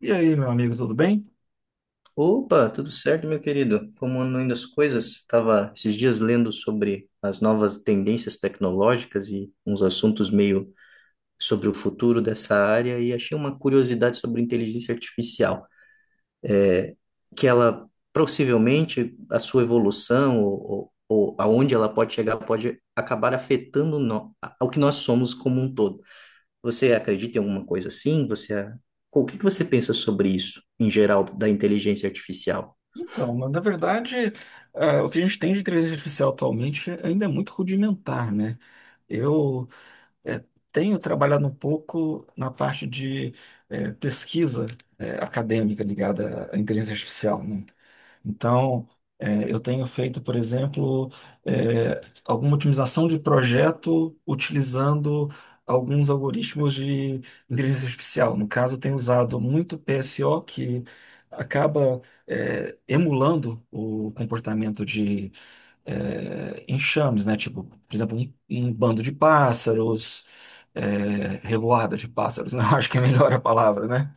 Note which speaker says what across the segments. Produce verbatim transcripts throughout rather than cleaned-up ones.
Speaker 1: E aí, meu amigo, tudo bem?
Speaker 2: Opa, tudo certo, meu querido? Como andam indo as coisas? Estava esses dias lendo sobre as novas tendências tecnológicas e uns assuntos meio sobre o futuro dessa área e achei uma curiosidade sobre inteligência artificial, que ela possivelmente a sua evolução ou, ou, ou aonde ela pode chegar pode acabar afetando no, ao que nós somos como um todo. Você acredita em alguma coisa assim? Você, o que que você pensa sobre isso em geral da inteligência artificial?
Speaker 1: Então, na na verdade, ah, o que a gente tem de inteligência artificial atualmente ainda é muito rudimentar, né? Eu eh, Tenho trabalhado um pouco na parte de eh, pesquisa eh, acadêmica ligada à inteligência artificial, né? Então, eh, eu tenho feito, por exemplo, eh, alguma otimização de projeto utilizando alguns algoritmos de inteligência artificial. No caso, eu tenho usado muito P S O, que acaba, eh, emulando o comportamento de, eh, enxames, né? Tipo, por exemplo, um, um bando de pássaros, eh, revoada de pássaros, não acho que é melhor a palavra, né?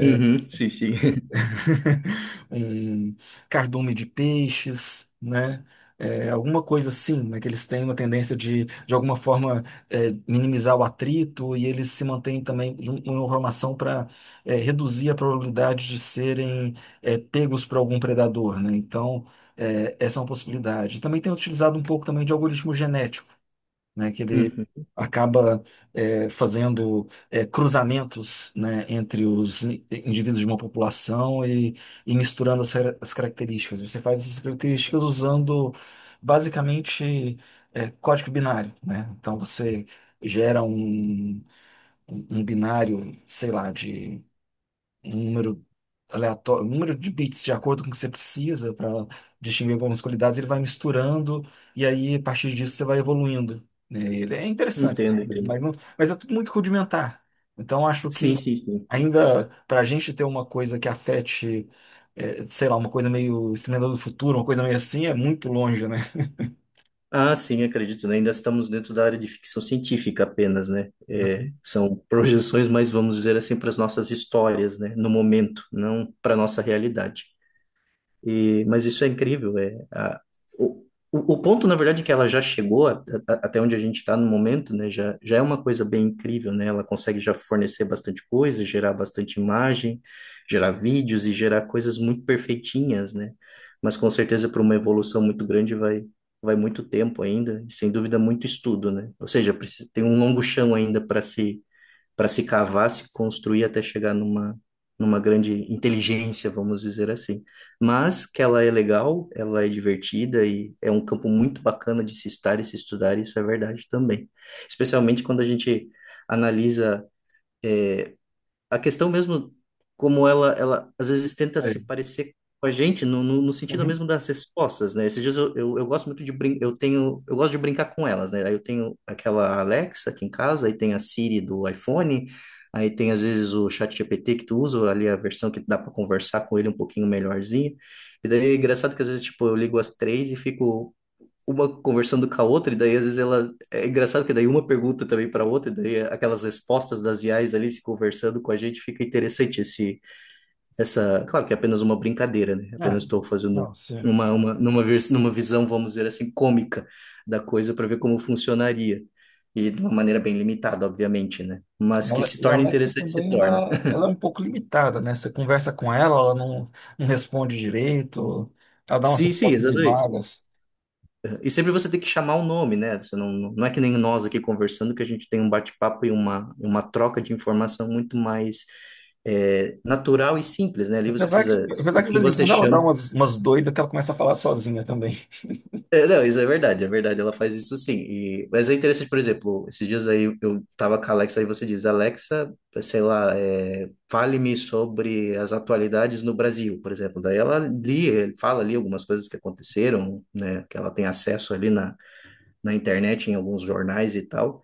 Speaker 2: Uhum, sim, sim.
Speaker 1: um cardume de peixes, né? É, alguma coisa assim, né? Que eles têm uma tendência de, de alguma forma, é, minimizar o atrito e eles se mantêm também de um- uma formação para reduzir a probabilidade de serem é, pegos por algum predador, né? Então, é, essa é uma possibilidade. Também tem utilizado um pouco também de algoritmo genético né, que ele
Speaker 2: Uhum.
Speaker 1: acaba é, fazendo é, cruzamentos, né, entre os in- indivíduos de uma população e, e misturando as, car- as características. Você faz essas características usando basicamente é, código binário, né? Então você gera um, um um binário, sei lá, de um número aleatório, um número de bits de acordo com o que você precisa para distinguir algumas qualidades, ele vai misturando e aí a partir disso você vai evoluindo. Né? Ele é interessante, mas,
Speaker 2: Entendo,
Speaker 1: mas
Speaker 2: entendo.
Speaker 1: não- mas é tudo muito rudimentar. Então acho
Speaker 2: Sim,
Speaker 1: que
Speaker 2: sim, sim.
Speaker 1: ainda para a gente ter uma coisa que afete, eh, sei lá, uma coisa meio Exterminador do Futuro, uma coisa meio assim, é muito longe, né?
Speaker 2: Ah, sim, acredito, né? Ainda estamos dentro da área de ficção científica apenas, né? É, são projeções, mas vamos dizer assim, para as nossas histórias, né? No momento, não para a nossa realidade. E, mas isso é incrível. É, a, o, o o ponto, na verdade, é que ela já chegou a- a- até onde a gente está no momento, né? Já, já é uma coisa bem incrível, né? Ela consegue já fornecer bastante coisa, gerar bastante imagem, gerar vídeos e gerar coisas muito perfeitinhas, né? Mas com certeza para uma evolução muito grande vai, vai muito tempo ainda, e sem dúvida muito estudo, né? Ou seja, precisa, tem um longo chão ainda para se para se cavar, se construir até chegar numa, numa grande inteligência, vamos dizer assim. Mas que ela é legal, ela é divertida e é um campo muito bacana de se estar e se estudar, isso é verdade também. Especialmente quando a gente analisa eh, a questão mesmo, como ela, ela às vezes tenta
Speaker 1: É.
Speaker 2: se parecer com a gente, no, no, no sentido
Speaker 1: Uhum.
Speaker 2: mesmo das respostas, né? Esses dias eu, eu, eu gosto muito de brin eu tenho, eu gosto de brincar com elas, né? Aí eu tenho aquela Alexa aqui em casa, aí tem a Siri do iPhone, aí tem às vezes o ChatGPT que tu usa, ali a versão que dá para conversar com ele um pouquinho melhorzinho. E daí é engraçado que às vezes, tipo, eu ligo as três e fico uma conversando com a outra, e daí às vezes ela. É engraçado que daí uma pergunta também para outra, e daí aquelas respostas das I As ali se conversando com a gente, fica interessante esse, essa. Claro que é apenas uma brincadeira, né?
Speaker 1: É.
Speaker 2: Apenas estou fazendo
Speaker 1: Não, sim.
Speaker 2: uma, uma, numa, vers- numa visão, vamos dizer assim, cômica da coisa para ver como funcionaria. E de uma maneira bem limitada, obviamente, né?
Speaker 1: E
Speaker 2: Mas que
Speaker 1: ela-
Speaker 2: se
Speaker 1: e a
Speaker 2: torna
Speaker 1: Alexa
Speaker 2: interessante, se
Speaker 1: também,
Speaker 2: torna.
Speaker 1: ela, ela é um pouco limitada, né? Você conversa com ela, ela não, não responde direito, ela dá umas
Speaker 2: Sim, sim,
Speaker 1: respostas meio
Speaker 2: exatamente.
Speaker 1: vagas.
Speaker 2: E sempre você tem que chamar o nome, né? Você não, não é que nem nós aqui conversando, que a gente tem um bate-papo e uma, e uma troca de informação muito mais é, natural e simples, né? Ali você
Speaker 1: Apesar que,
Speaker 2: precisa,
Speaker 1: apesar
Speaker 2: o
Speaker 1: que de
Speaker 2: que
Speaker 1: vez em
Speaker 2: você
Speaker 1: quando ela dá
Speaker 2: chama.
Speaker 1: umas, umas doidas que ela começa a falar sozinha também.
Speaker 2: É, não, isso é verdade, é verdade, ela faz isso sim. E, mas é interessante, por exemplo, esses dias aí eu tava com a Alexa e você diz, Alexa, sei lá, é, fale-me sobre as atualidades no Brasil, por exemplo. Daí ela li, fala ali algumas coisas que aconteceram, né? Que ela tem acesso ali na na internet, em alguns jornais e tal.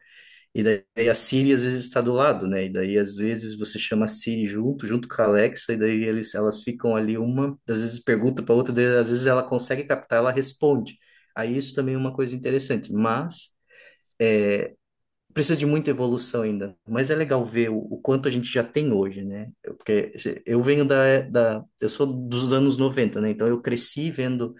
Speaker 2: E daí a Siri às vezes está do lado, né? E daí às vezes você chama a Siri junto, junto com a Alexa, e daí eles, elas ficam ali uma, às vezes pergunta para outra, daí, às vezes ela consegue captar, ela responde. Aí isso também é uma coisa interessante, mas precisa de muita evolução ainda. Mas é legal ver o, o quanto a gente já tem hoje, né? Eu- Porque se- eu venho da, da, eu sou dos anos noventa, né? Então eu cresci vendo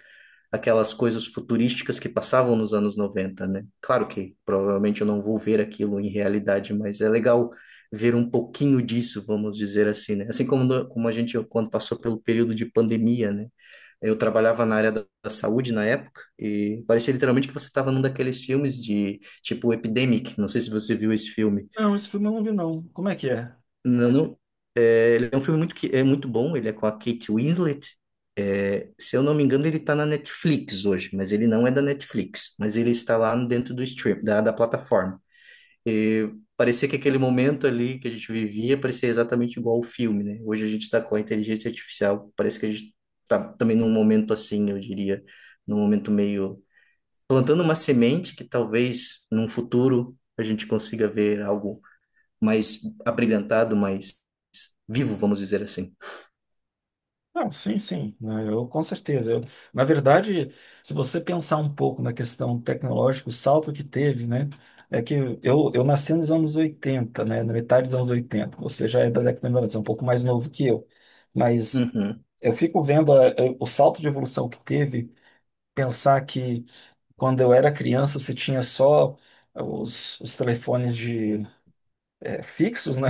Speaker 2: aquelas coisas futurísticas que passavam nos anos noventa, né? Claro que provavelmente eu não vou ver aquilo em realidade, mas é legal ver um pouquinho disso, vamos dizer assim, né? Assim como, no- como a gente, quando passou pelo período de pandemia, né? Eu trabalhava na área da, da saúde na época e parecia literalmente que você estava num daqueles filmes de, tipo, Epidemic, não sei se você viu esse filme.
Speaker 1: Não, esse filme eu não vi, não. Como é que é?
Speaker 2: Não, não. É, ele é um filme muito, que- é muito bom, ele é com a Kate Winslet. É, se eu não me engano, ele está na Netflix hoje, mas ele não é da Netflix, mas ele está lá dentro do stream, da, da plataforma. E parecia que aquele momento ali que a gente vivia parecia exatamente igual ao filme, né? Hoje a gente está com a inteligência artificial, parece que a gente está também num momento assim, eu diria, num momento meio plantando uma semente que talvez num futuro a gente consiga ver algo mais abrilhantado, mais vivo, vamos dizer assim.
Speaker 1: Não, sim, sim. Não, eu com certeza. Eu, na verdade, se você pensar um pouco na questão tecnológica, o salto que teve, né? É que eu, eu nasci nos anos oitenta, né? Na metade dos anos oitenta. Você já é da década de noventa, você é um pouco mais novo que eu. Mas
Speaker 2: Uhum.
Speaker 1: eu fico vendo a- eu- o salto de evolução que teve, pensar que quando eu era criança você tinha só os, os telefones de, é, fixos, né?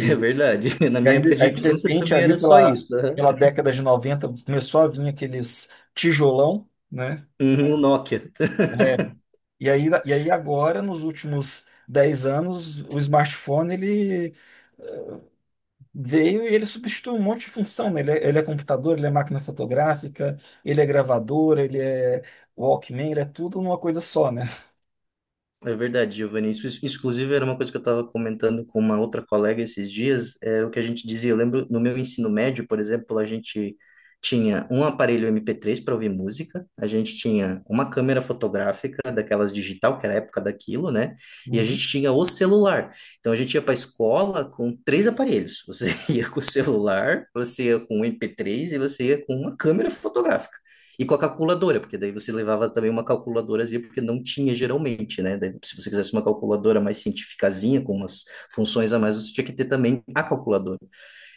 Speaker 2: É verdade. Na
Speaker 1: e
Speaker 2: minha
Speaker 1: aí,
Speaker 2: época de
Speaker 1: aí, de
Speaker 2: infância
Speaker 1: repente,
Speaker 2: também
Speaker 1: ali
Speaker 2: era só
Speaker 1: pela,
Speaker 2: isso. Aham.
Speaker 1: pela década de noventa começou a vir aqueles tijolão, né?
Speaker 2: Uhum, o Nokia.
Speaker 1: É. E aí, e aí agora, nos últimos dez anos, o smartphone, ele veio e ele substitui um monte de função, né? Ele é, ele é computador, ele é máquina fotográfica, ele é gravadora, ele é Walkman, ele é tudo numa coisa só, né?
Speaker 2: É verdade, Giovanni. Isso, isso, inclusive, era uma coisa que eu estava comentando com uma outra colega esses dias, é o que a gente dizia. Eu lembro, no meu ensino médio, por exemplo, a gente tinha um aparelho M P três para ouvir música, a gente tinha uma câmera fotográfica, daquelas digital, que era a época daquilo, né? E a
Speaker 1: Uhum.
Speaker 2: gente tinha o celular. Então, a gente ia para a escola com três aparelhos. Você ia com o celular, você ia com o M P três e você ia com uma câmera fotográfica. E com a calculadora, porque daí você levava também uma calculadorazinha, porque não tinha geralmente, né? Daí, se você quisesse uma calculadora mais cientificazinha, com umas funções a mais, você tinha que ter também a calculadora.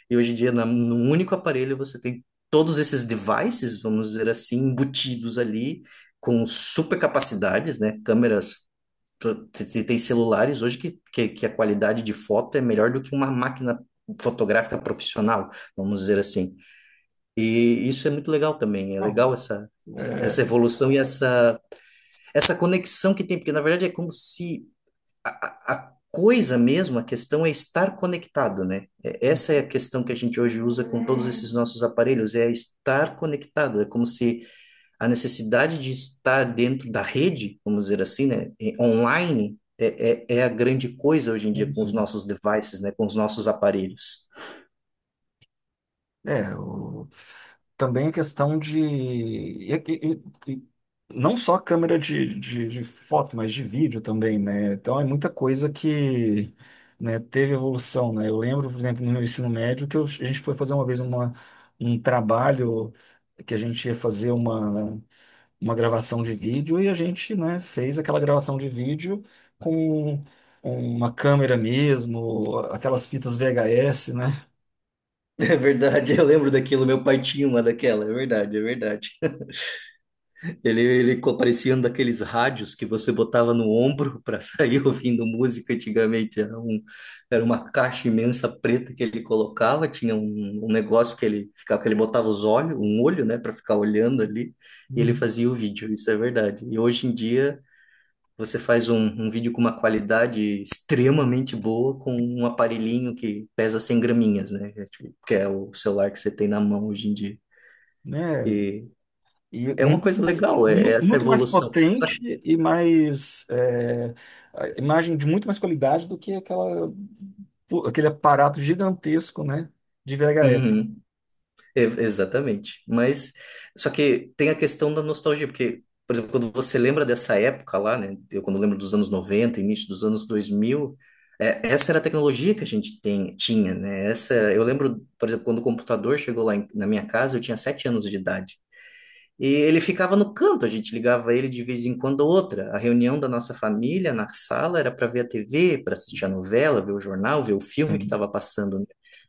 Speaker 2: E hoje em dia, na, num único aparelho, você tem todos esses devices, vamos dizer assim, embutidos ali, com super capacidades, né? Câmeras, tu- te- tem celulares hoje que, que, que a qualidade de foto é melhor do que uma máquina fotográfica profissional, vamos dizer assim. E isso é muito legal também. É
Speaker 1: Não,
Speaker 2: legal essa,
Speaker 1: é,
Speaker 2: essa evolução e essa, essa conexão que tem, porque na verdade é como se a, a- a coisa mesmo, a questão é estar conectado, né? É- Essa é a questão que a gente hoje usa com todos esses nossos aparelhos, é estar conectado. É como se a necessidade de estar dentro da rede, vamos dizer assim, né? e- Online. É, é, é a grande coisa hoje em dia
Speaker 1: deve
Speaker 2: com os
Speaker 1: ser.
Speaker 2: nossos devices, né? Com os nossos aparelhos.
Speaker 1: É, o- também a questão de e- e- e- e não só câmera de, de, de foto, mas de vídeo também, né? Então é muita coisa que, né, teve evolução, né? Eu lembro, por exemplo, no meu ensino médio, que eu- a gente foi fazer uma vez uma, um trabalho que a gente ia fazer uma. Uma gravação de vídeo e a gente, né, fez aquela gravação de vídeo com uma câmera mesmo, aquelas fitas V H S, né?
Speaker 2: É verdade, eu lembro daquilo, meu pai tinha uma daquela, é verdade, é verdade. Ele, ele co- parecia um daqueles rádios que você botava no ombro para sair ouvindo música antigamente. Era um, era uma caixa imensa preta que ele colocava, tinha um, um negócio que ele ficava, que ele botava os olhos, um olho, né, para ficar olhando ali, e ele
Speaker 1: Uhum.
Speaker 2: fazia o vídeo, isso é verdade. E hoje em dia você faz um, um vídeo com uma qualidade extremamente boa com um aparelhinho que pesa cem graminhas, né? Que é o celular que você tem na mão hoje em dia.
Speaker 1: Né?
Speaker 2: E
Speaker 1: E
Speaker 2: é uma
Speaker 1: muito,
Speaker 2: coisa
Speaker 1: mais
Speaker 2: legal, é é
Speaker 1: muito-
Speaker 2: essa
Speaker 1: muito mais
Speaker 2: evolução. Só
Speaker 1: potente e mais é, a imagem de muito mais qualidade do que aquela, aquele aparato gigantesco, né, de V H S.
Speaker 2: Uhum, e- exatamente. Mas só que tem a questão da nostalgia, porque, por exemplo, quando você lembra dessa época lá, né? Eu quando lembro dos anos noventa, início dos anos dois mil, é, essa era a tecnologia que a gente tem, tinha, né? Essa, eu lembro, por exemplo, quando o computador chegou lá em- na minha casa, eu tinha sete anos de idade. E ele ficava no canto, a gente ligava ele de vez em quando ou outra. A reunião da nossa família na sala era para ver a T V, para assistir a novela, ver o jornal, ver o filme que estava passando, né?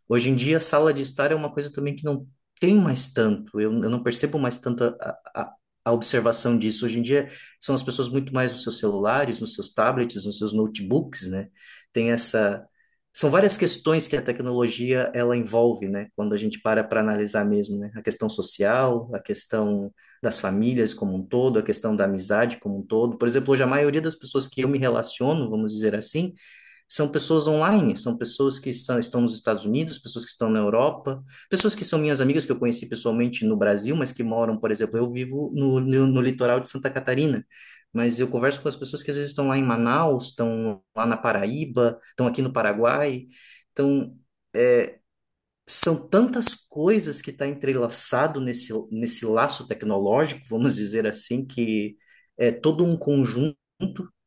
Speaker 2: Hoje em dia, sala de estar é uma coisa também que não tem mais tanto. Eu, eu não percebo mais tanto a, a, a observação disso. Hoje em dia, são as pessoas muito mais nos seus celulares, nos seus tablets, nos seus notebooks, né? Tem essa. São várias questões que a tecnologia ela envolve, né? Quando a gente para para analisar mesmo, né? A questão social, a questão das famílias como um todo, a questão da amizade como um todo. Por exemplo, hoje a maioria das pessoas que eu me relaciono, vamos dizer assim, são pessoas online, são pessoas que são, estão nos Estados Unidos, pessoas que estão na Europa, pessoas que são minhas amigas que eu conheci pessoalmente no Brasil, mas que moram, por exemplo, eu vivo no, no, no litoral de Santa Catarina, mas eu converso com as pessoas que às vezes estão lá em Manaus, estão lá na Paraíba, estão aqui no Paraguai. Então, É, são tantas coisas que está entrelaçado nesse, nesse laço tecnológico, vamos dizer assim, que é todo um conjunto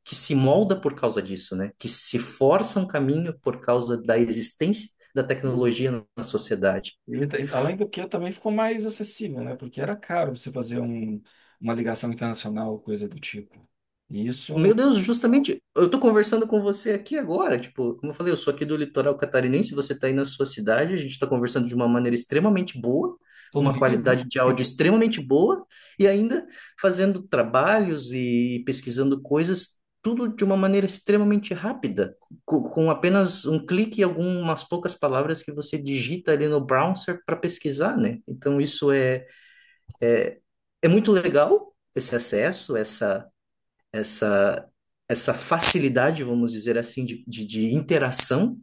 Speaker 2: que se molda por causa disso, né? Que se força um caminho por causa da existência da tecnologia na sociedade.
Speaker 1: Ele, tá- além do que, também ficou mais acessível, né? Porque era caro você fazer um, uma ligação internacional, coisa do tipo. E
Speaker 2: Meu
Speaker 1: isso,
Speaker 2: Deus, justamente, eu tô conversando com você aqui agora, tipo, como eu falei, eu sou aqui do litoral catarinense, você tá aí na sua cidade, a gente tá conversando de uma maneira extremamente boa,
Speaker 1: tô
Speaker 2: com
Speaker 1: no
Speaker 2: uma
Speaker 1: Rio, né?
Speaker 2: qualidade de áudio extremamente boa, e ainda fazendo trabalhos e pesquisando coisas, tudo de uma maneira extremamente rápida, co- com, apenas um clique e algumas poucas palavras que você digita ali no browser para pesquisar, né? Então isso é, é muito legal, esse acesso, essa, essa facilidade, vamos dizer assim, de, de, de interação,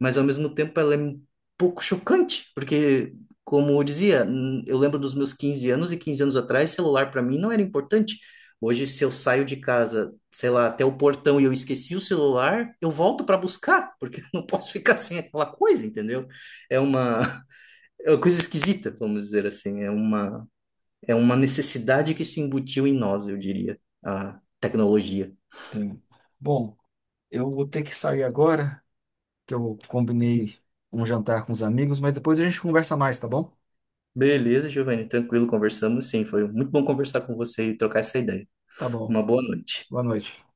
Speaker 2: mas ao mesmo tempo ela é um pouco chocante, porque, como eu dizia, hum, eu lembro dos meus quinze anos e quinze anos atrás, celular para mim não era importante. Hoje, se eu saio de casa, sei lá, até o portão e eu esqueci o celular, eu volto para buscar, porque eu não posso ficar sem aquela coisa, entendeu? É uma, é uma coisa esquisita, vamos dizer assim. É uma, é uma necessidade que se embutiu em nós, eu diria, a tecnologia.
Speaker 1: Sim. Bom, eu vou ter que sair agora, que eu combinei um jantar com os amigos, mas depois a gente conversa mais, tá bom?
Speaker 2: Beleza, Giovanni, tranquilo, conversamos sim. Foi muito bom conversar com você e trocar essa ideia.
Speaker 1: Tá bom.
Speaker 2: Uma boa noite.
Speaker 1: Boa noite.